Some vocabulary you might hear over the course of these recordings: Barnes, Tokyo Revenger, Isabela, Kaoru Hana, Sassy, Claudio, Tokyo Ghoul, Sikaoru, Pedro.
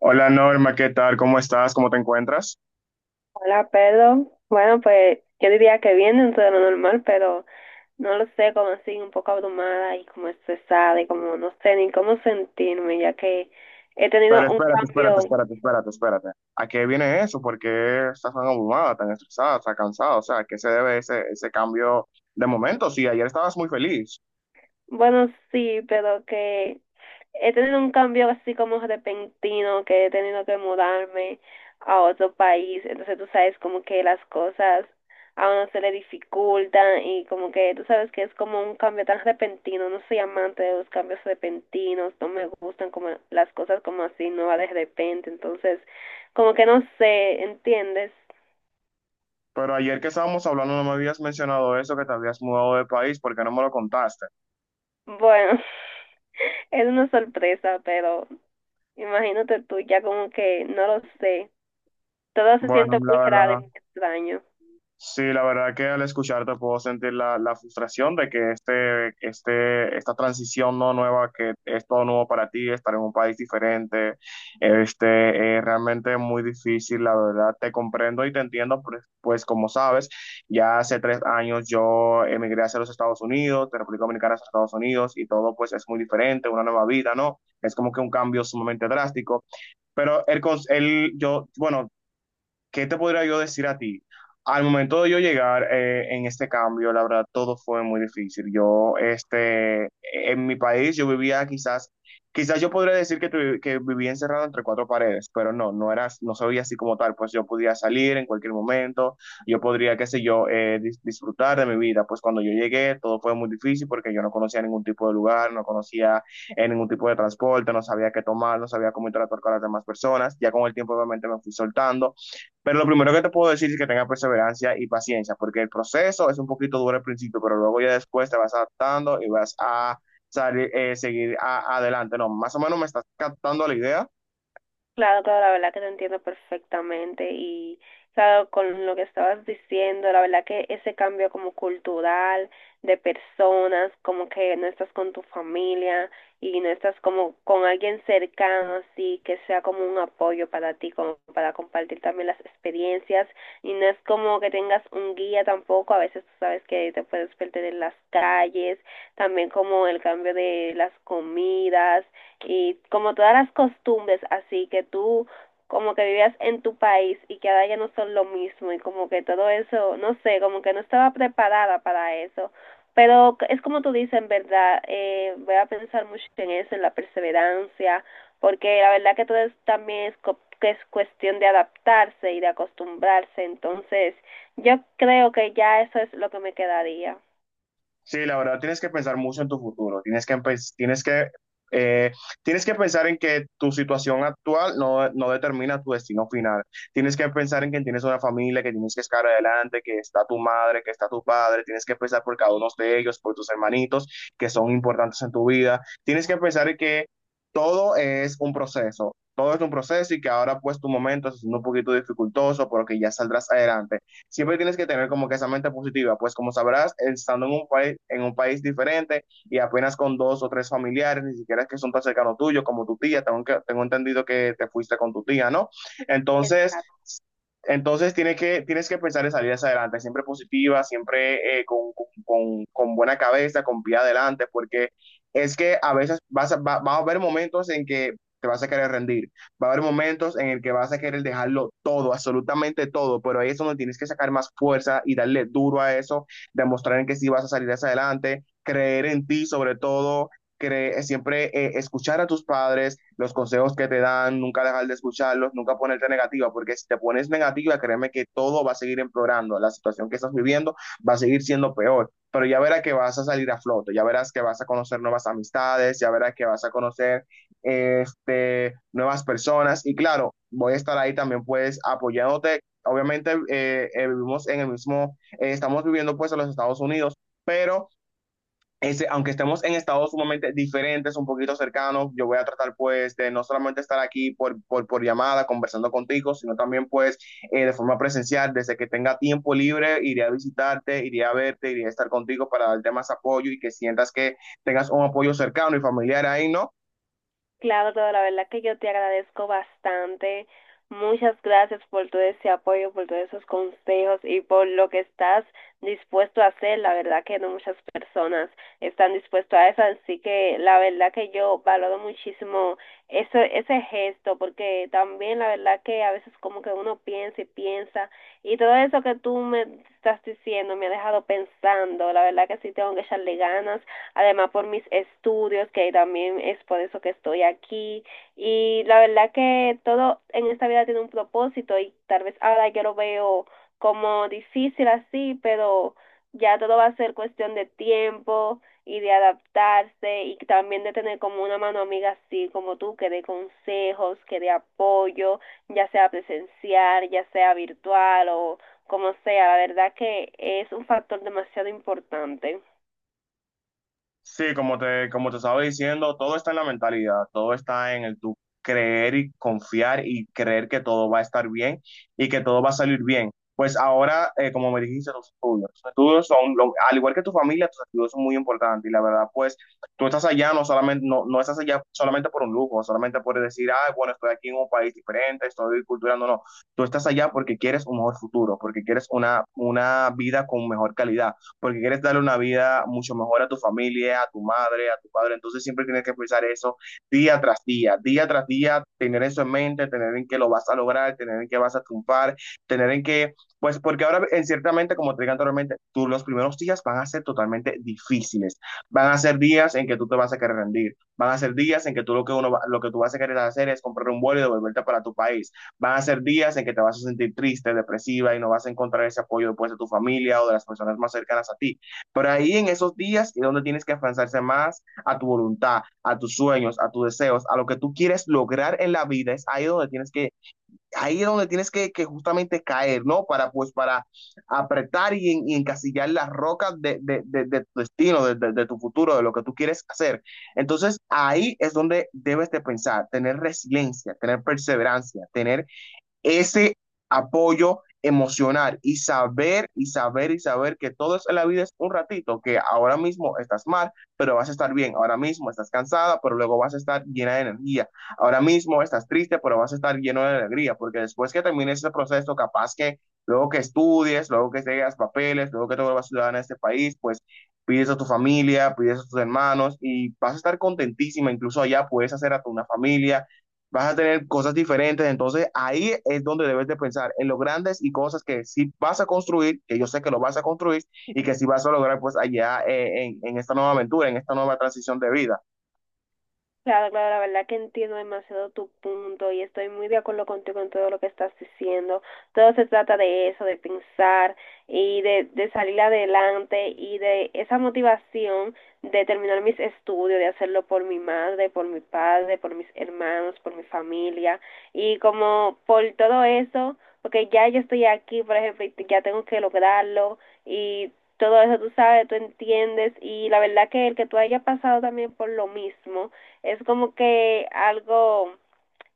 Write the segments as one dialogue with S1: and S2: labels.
S1: Hola Norma, ¿qué tal? ¿Cómo estás? ¿Cómo te encuentras?
S2: Hola, Pedro. Bueno, pues yo diría que bien dentro de lo normal, pero no lo sé, como así, un poco abrumada y como estresada y como no sé ni cómo sentirme, ya que he
S1: Pero
S2: tenido un
S1: espérate, espérate,
S2: cambio,
S1: espérate, espérate, espérate. ¿A qué viene eso? ¿Por qué estás tan abrumada, tan estresada, tan cansada? O sea, ¿a qué se debe ese cambio de momento? Sí, ayer estabas muy feliz,
S2: bueno, sí, pero que he tenido un cambio así como repentino, que he tenido que mudarme a otro país. Entonces tú sabes como que las cosas a uno se le dificultan y como que tú sabes que es como un cambio tan repentino. No soy amante de los cambios repentinos, no me gustan como las cosas como así nuevas de repente. Entonces como que no sé, ¿entiendes?
S1: pero ayer que estábamos hablando no me habías mencionado eso, que te habías mudado de país, ¿por qué no me lo contaste?
S2: Bueno, es una sorpresa, pero imagínate tú ya como que no lo sé. Todo se
S1: Bueno,
S2: siente
S1: la
S2: muy raro y
S1: verdad.
S2: muy extraño.
S1: Sí, la verdad que al escucharte puedo sentir la frustración de que esta transición no nueva, que es todo nuevo para ti, estar en un país diferente, es realmente muy difícil, la verdad. Te comprendo y te entiendo, pues, pues como sabes, ya hace 3 años yo emigré hacia los Estados Unidos, de República Dominicana a Estados Unidos, y todo pues es muy diferente, una nueva vida, ¿no? Es como que un cambio sumamente drástico. Pero el, el, yo, bueno, ¿qué te podría yo decir a ti? Al momento de yo llegar en este cambio, la verdad, todo fue muy difícil. Yo, en mi país, yo vivía quizás yo podría decir que, que vivía encerrado entre cuatro paredes, pero no, no era, no se veía así como tal. Pues yo podía salir en cualquier momento, yo podría, qué sé yo, disfrutar de mi vida. Pues cuando yo llegué, todo fue muy difícil porque yo no conocía ningún tipo de lugar, no conocía en ningún tipo de transporte, no sabía qué tomar, no sabía cómo interactuar con las demás personas. Ya con el tiempo, obviamente, me fui soltando, pero lo primero que te puedo decir es que tenga perseverancia y paciencia, porque el proceso es un poquito duro al principio, pero luego ya después te vas adaptando y vas a salir, seguir adelante. No, más o menos me estás captando la idea.
S2: Claro, claro, la verdad que te entiendo perfectamente y claro, con lo que estabas diciendo, la verdad que ese cambio como cultural de personas, como que no estás con tu familia y no estás como con alguien cercano así que sea como un apoyo para ti, como para compartir también las experiencias y no es como que tengas un guía tampoco, a veces tú sabes que te puedes perder en las calles, también como el cambio de las comidas y como todas las costumbres así que tú como que vivías en tu país y que ahora ya no son lo mismo y como que todo eso, no sé, como que no estaba preparada para eso. Pero es como tú dices, en verdad, voy a pensar mucho en eso, en la perseverancia, porque la verdad que todo es, también es, que es cuestión de adaptarse y de acostumbrarse. Entonces, yo creo que ya eso es lo que me quedaría.
S1: Sí, la verdad, tienes que pensar mucho en tu futuro, tienes que, tienes que, eh, tienes que pensar en que tu situación actual no, no determina tu destino final. Tienes que pensar en que tienes una familia, que tienes que estar adelante, que está tu madre, que está tu padre, tienes que pensar por cada uno de ellos, por tus hermanitos, que son importantes en tu vida. Tienes que pensar en que todo es un proceso, todo es un proceso y que ahora pues tu momento es un poquito dificultoso, pero que ya saldrás adelante, siempre tienes que tener como que esa mente positiva, pues como sabrás, estando en un país diferente y apenas con dos o tres familiares, ni siquiera es que son tan cercanos tuyos como tu tía, tengo, que, tengo entendido que te fuiste con tu tía, ¿no? Entonces,
S2: Exacto.
S1: entonces, tienes que pensar en salir hacia adelante, siempre positiva, siempre con, con buena cabeza, con pie adelante, porque es que a veces vas a, va a haber momentos en que te vas a querer rendir, va a haber momentos en el que vas a querer dejarlo todo, absolutamente todo, pero ahí es donde tienes que sacar más fuerza y darle duro a eso, demostrar en que sí vas a salir hacia adelante, creer en ti sobre todo cre siempre escuchar a tus padres, los consejos que te dan, nunca dejar de escucharlos, nunca ponerte negativa, porque si te pones negativa, créeme que todo va a seguir empeorando, la situación que estás viviendo va a seguir siendo peor, pero ya verás que vas a salir a flote, ya verás que vas a conocer nuevas amistades, ya verás que vas a conocer nuevas personas y claro, voy a estar ahí también pues apoyándote. Obviamente vivimos en el mismo, estamos viviendo pues en los Estados Unidos, pero aunque estemos en estados sumamente diferentes, un poquito cercanos, yo voy a tratar pues de no solamente estar aquí por llamada conversando contigo, sino también pues de forma presencial, desde que tenga tiempo libre, iré a visitarte, iré a verte, iré a estar contigo para darte más apoyo y que sientas que tengas un apoyo cercano y familiar ahí, ¿no?
S2: Claudio, la verdad que yo te agradezco bastante. Muchas gracias por todo ese apoyo, por todos esos consejos y por lo que estás dispuesto a hacer. La verdad que no muchas personas están dispuestas a eso, así que la verdad que yo valoro muchísimo eso, ese gesto, porque también la verdad que a veces como que uno piensa y piensa y todo eso que tú me estás diciendo me ha dejado pensando. La verdad que sí tengo que echarle ganas además por mis estudios, que también es por eso que estoy aquí. Y la verdad que todo en esta vida tiene un propósito y tal vez ahora yo lo veo como difícil así, pero ya todo va a ser cuestión de tiempo y de adaptarse y también de tener como una mano amiga así como tú, que dé consejos, que dé apoyo, ya sea presencial, ya sea virtual o como sea. La verdad que es un factor demasiado importante.
S1: Sí, como te estaba diciendo, todo está en la mentalidad, todo está en el tú creer y confiar y creer que todo va a estar bien y que todo va a salir bien. Pues ahora, como me dijiste, los estudios son, al igual que tu familia, tus estudios son muy importantes y la verdad, pues tú estás allá, no solamente, no, no estás allá solamente por un lujo, solamente por decir, ah, bueno, estoy aquí en un país diferente, estoy culturando, no, no, tú estás allá porque quieres un mejor futuro, porque quieres una vida con mejor calidad porque quieres darle una vida mucho mejor a tu familia, a tu madre, a tu padre. Entonces siempre tienes que pensar eso día tras día, tener eso en mente, tener en que lo vas a lograr, tener en que vas a triunfar, tener en que, pues porque ahora en ciertamente, como te dije anteriormente, tú los primeros días van a ser totalmente difíciles, van a ser días en que tú te vas a querer rendir, van a ser días en que tú lo que uno lo que tú vas a querer hacer es comprar un vuelo y devolverte para tu país. Van a ser días en que te vas a sentir triste, depresiva y no vas a encontrar ese apoyo después de tu familia o de las personas más cercanas a ti. Pero ahí en esos días es donde tienes que afianzarse más a tu voluntad, a tus sueños, a tus deseos, a lo que tú quieres lograr en la vida. Es ahí donde tienes que, ahí es donde tienes que justamente caer, ¿no? Para pues para apretar y encasillar las rocas de tu destino, de tu futuro, de lo que tú quieres hacer. Entonces ahí es donde debes de pensar, tener resiliencia, tener perseverancia, tener ese apoyo emocional y saber y saber y saber que todo es en la vida es un ratito, que ahora mismo estás mal, pero vas a estar bien, ahora mismo estás cansada, pero luego vas a estar llena de energía, ahora mismo estás triste, pero vas a estar lleno de alegría, porque después que termines ese proceso, capaz que luego que estudies, luego que llegues papeles, luego que te vuelvas ciudadana de este país, pues pides a tu familia, pides a tus hermanos y vas a estar contentísima, incluso allá puedes hacer a tu una familia, vas a tener cosas diferentes, entonces ahí es donde debes de pensar en los grandes y cosas que sí vas a construir, que yo sé que lo vas a construir y que sí vas a lograr pues allá en esta nueva aventura, en esta nueva transición de vida.
S2: Claro, claro, la verdad que entiendo demasiado tu punto y estoy muy de acuerdo contigo en todo lo que estás diciendo. Todo se trata de eso, de pensar y de salir adelante y de esa motivación de terminar mis estudios, de hacerlo por mi madre, por mi padre, por mis hermanos, por mi familia y como por todo eso, porque ya yo estoy aquí, por ejemplo, y ya tengo que lograrlo y todo eso tú sabes, tú entiendes y la verdad que el que tú hayas pasado también por lo mismo es como que algo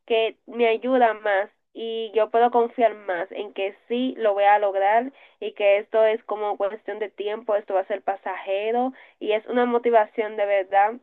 S2: que me ayuda más y yo puedo confiar más en que sí lo voy a lograr y que esto es como cuestión de tiempo, esto va a ser pasajero y es una motivación de verdad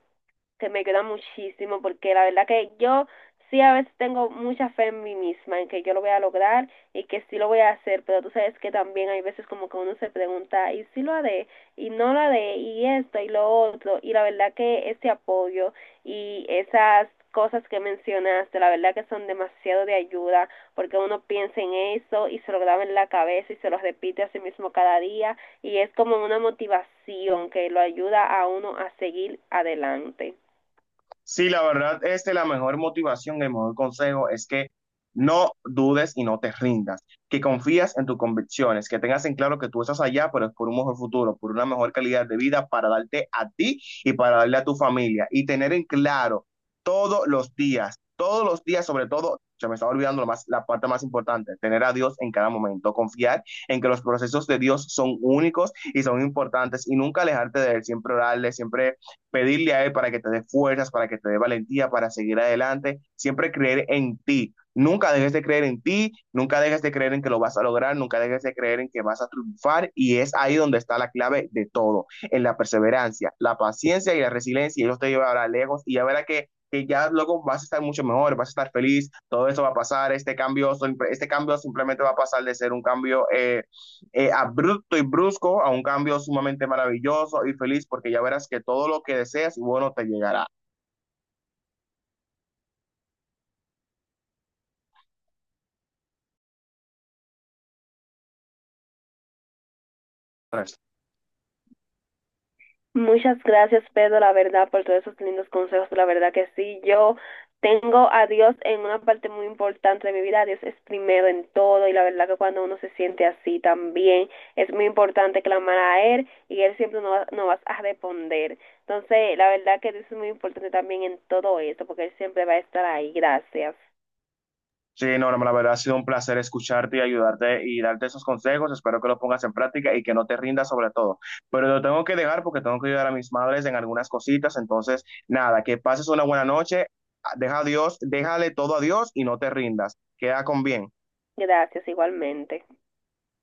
S2: que me queda muchísimo, porque la verdad que yo sí a veces tengo mucha fe en mí misma, en que yo lo voy a lograr y que sí lo voy a hacer, pero tú sabes que también hay veces como que uno se pregunta, ¿y si lo haré? ¿Y no lo haré? ¿Y esto? ¿Y lo otro? Y la verdad que ese apoyo y esas cosas que mencionaste, la verdad que son demasiado de ayuda, porque uno piensa en eso y se lo graba en la cabeza y se lo repite a sí mismo cada día, y es como una motivación que lo ayuda a uno a seguir adelante.
S1: Sí, la verdad, la mejor motivación, el mejor consejo es que no dudes y no te rindas, que confías en tus convicciones, que tengas en claro que tú estás allá, pero es por un mejor futuro, por una mejor calidad de vida para darte a ti y para darle a tu familia y tener en claro todos los días, sobre todo, se me estaba olvidando lo más, la parte más importante, tener a Dios en cada momento, confiar en que los procesos de Dios son únicos y son importantes y nunca alejarte de Él, siempre orarle, siempre pedirle a Él para que te dé fuerzas, para que te dé valentía, para seguir adelante, siempre creer en ti. Nunca dejes de creer en ti, nunca dejes de creer en que lo vas a lograr, nunca dejes de creer en que vas a triunfar y es ahí donde está la clave de todo, en la perseverancia, la paciencia y la resiliencia y eso te llevará lejos y ya verá que ya luego vas a estar mucho mejor, vas a estar feliz, todo eso va a pasar, este cambio simplemente va a pasar de ser un cambio... abrupto y brusco a un cambio sumamente maravilloso y feliz, porque ya verás que todo lo que deseas, bueno, te llegará.
S2: Muchas gracias, Pedro, la verdad, por todos esos lindos consejos. La verdad que sí, yo tengo a Dios en una parte muy importante de mi vida. Dios es primero en todo y la verdad que cuando uno se siente así también es muy importante clamar a Él y Él siempre nos va a responder. Entonces, la verdad que Dios es muy importante también en todo esto porque Él siempre va a estar ahí. Gracias.
S1: Sí, no, no, la verdad ha sido un placer escucharte y ayudarte y darte esos consejos. Espero que los pongas en práctica y que no te rindas sobre todo. Pero lo tengo que dejar porque tengo que ayudar a mis madres en algunas cositas. Entonces, nada, que pases una buena noche. Deja a Dios, déjale todo a Dios y no te rindas. Queda con bien.
S2: Gracias igualmente.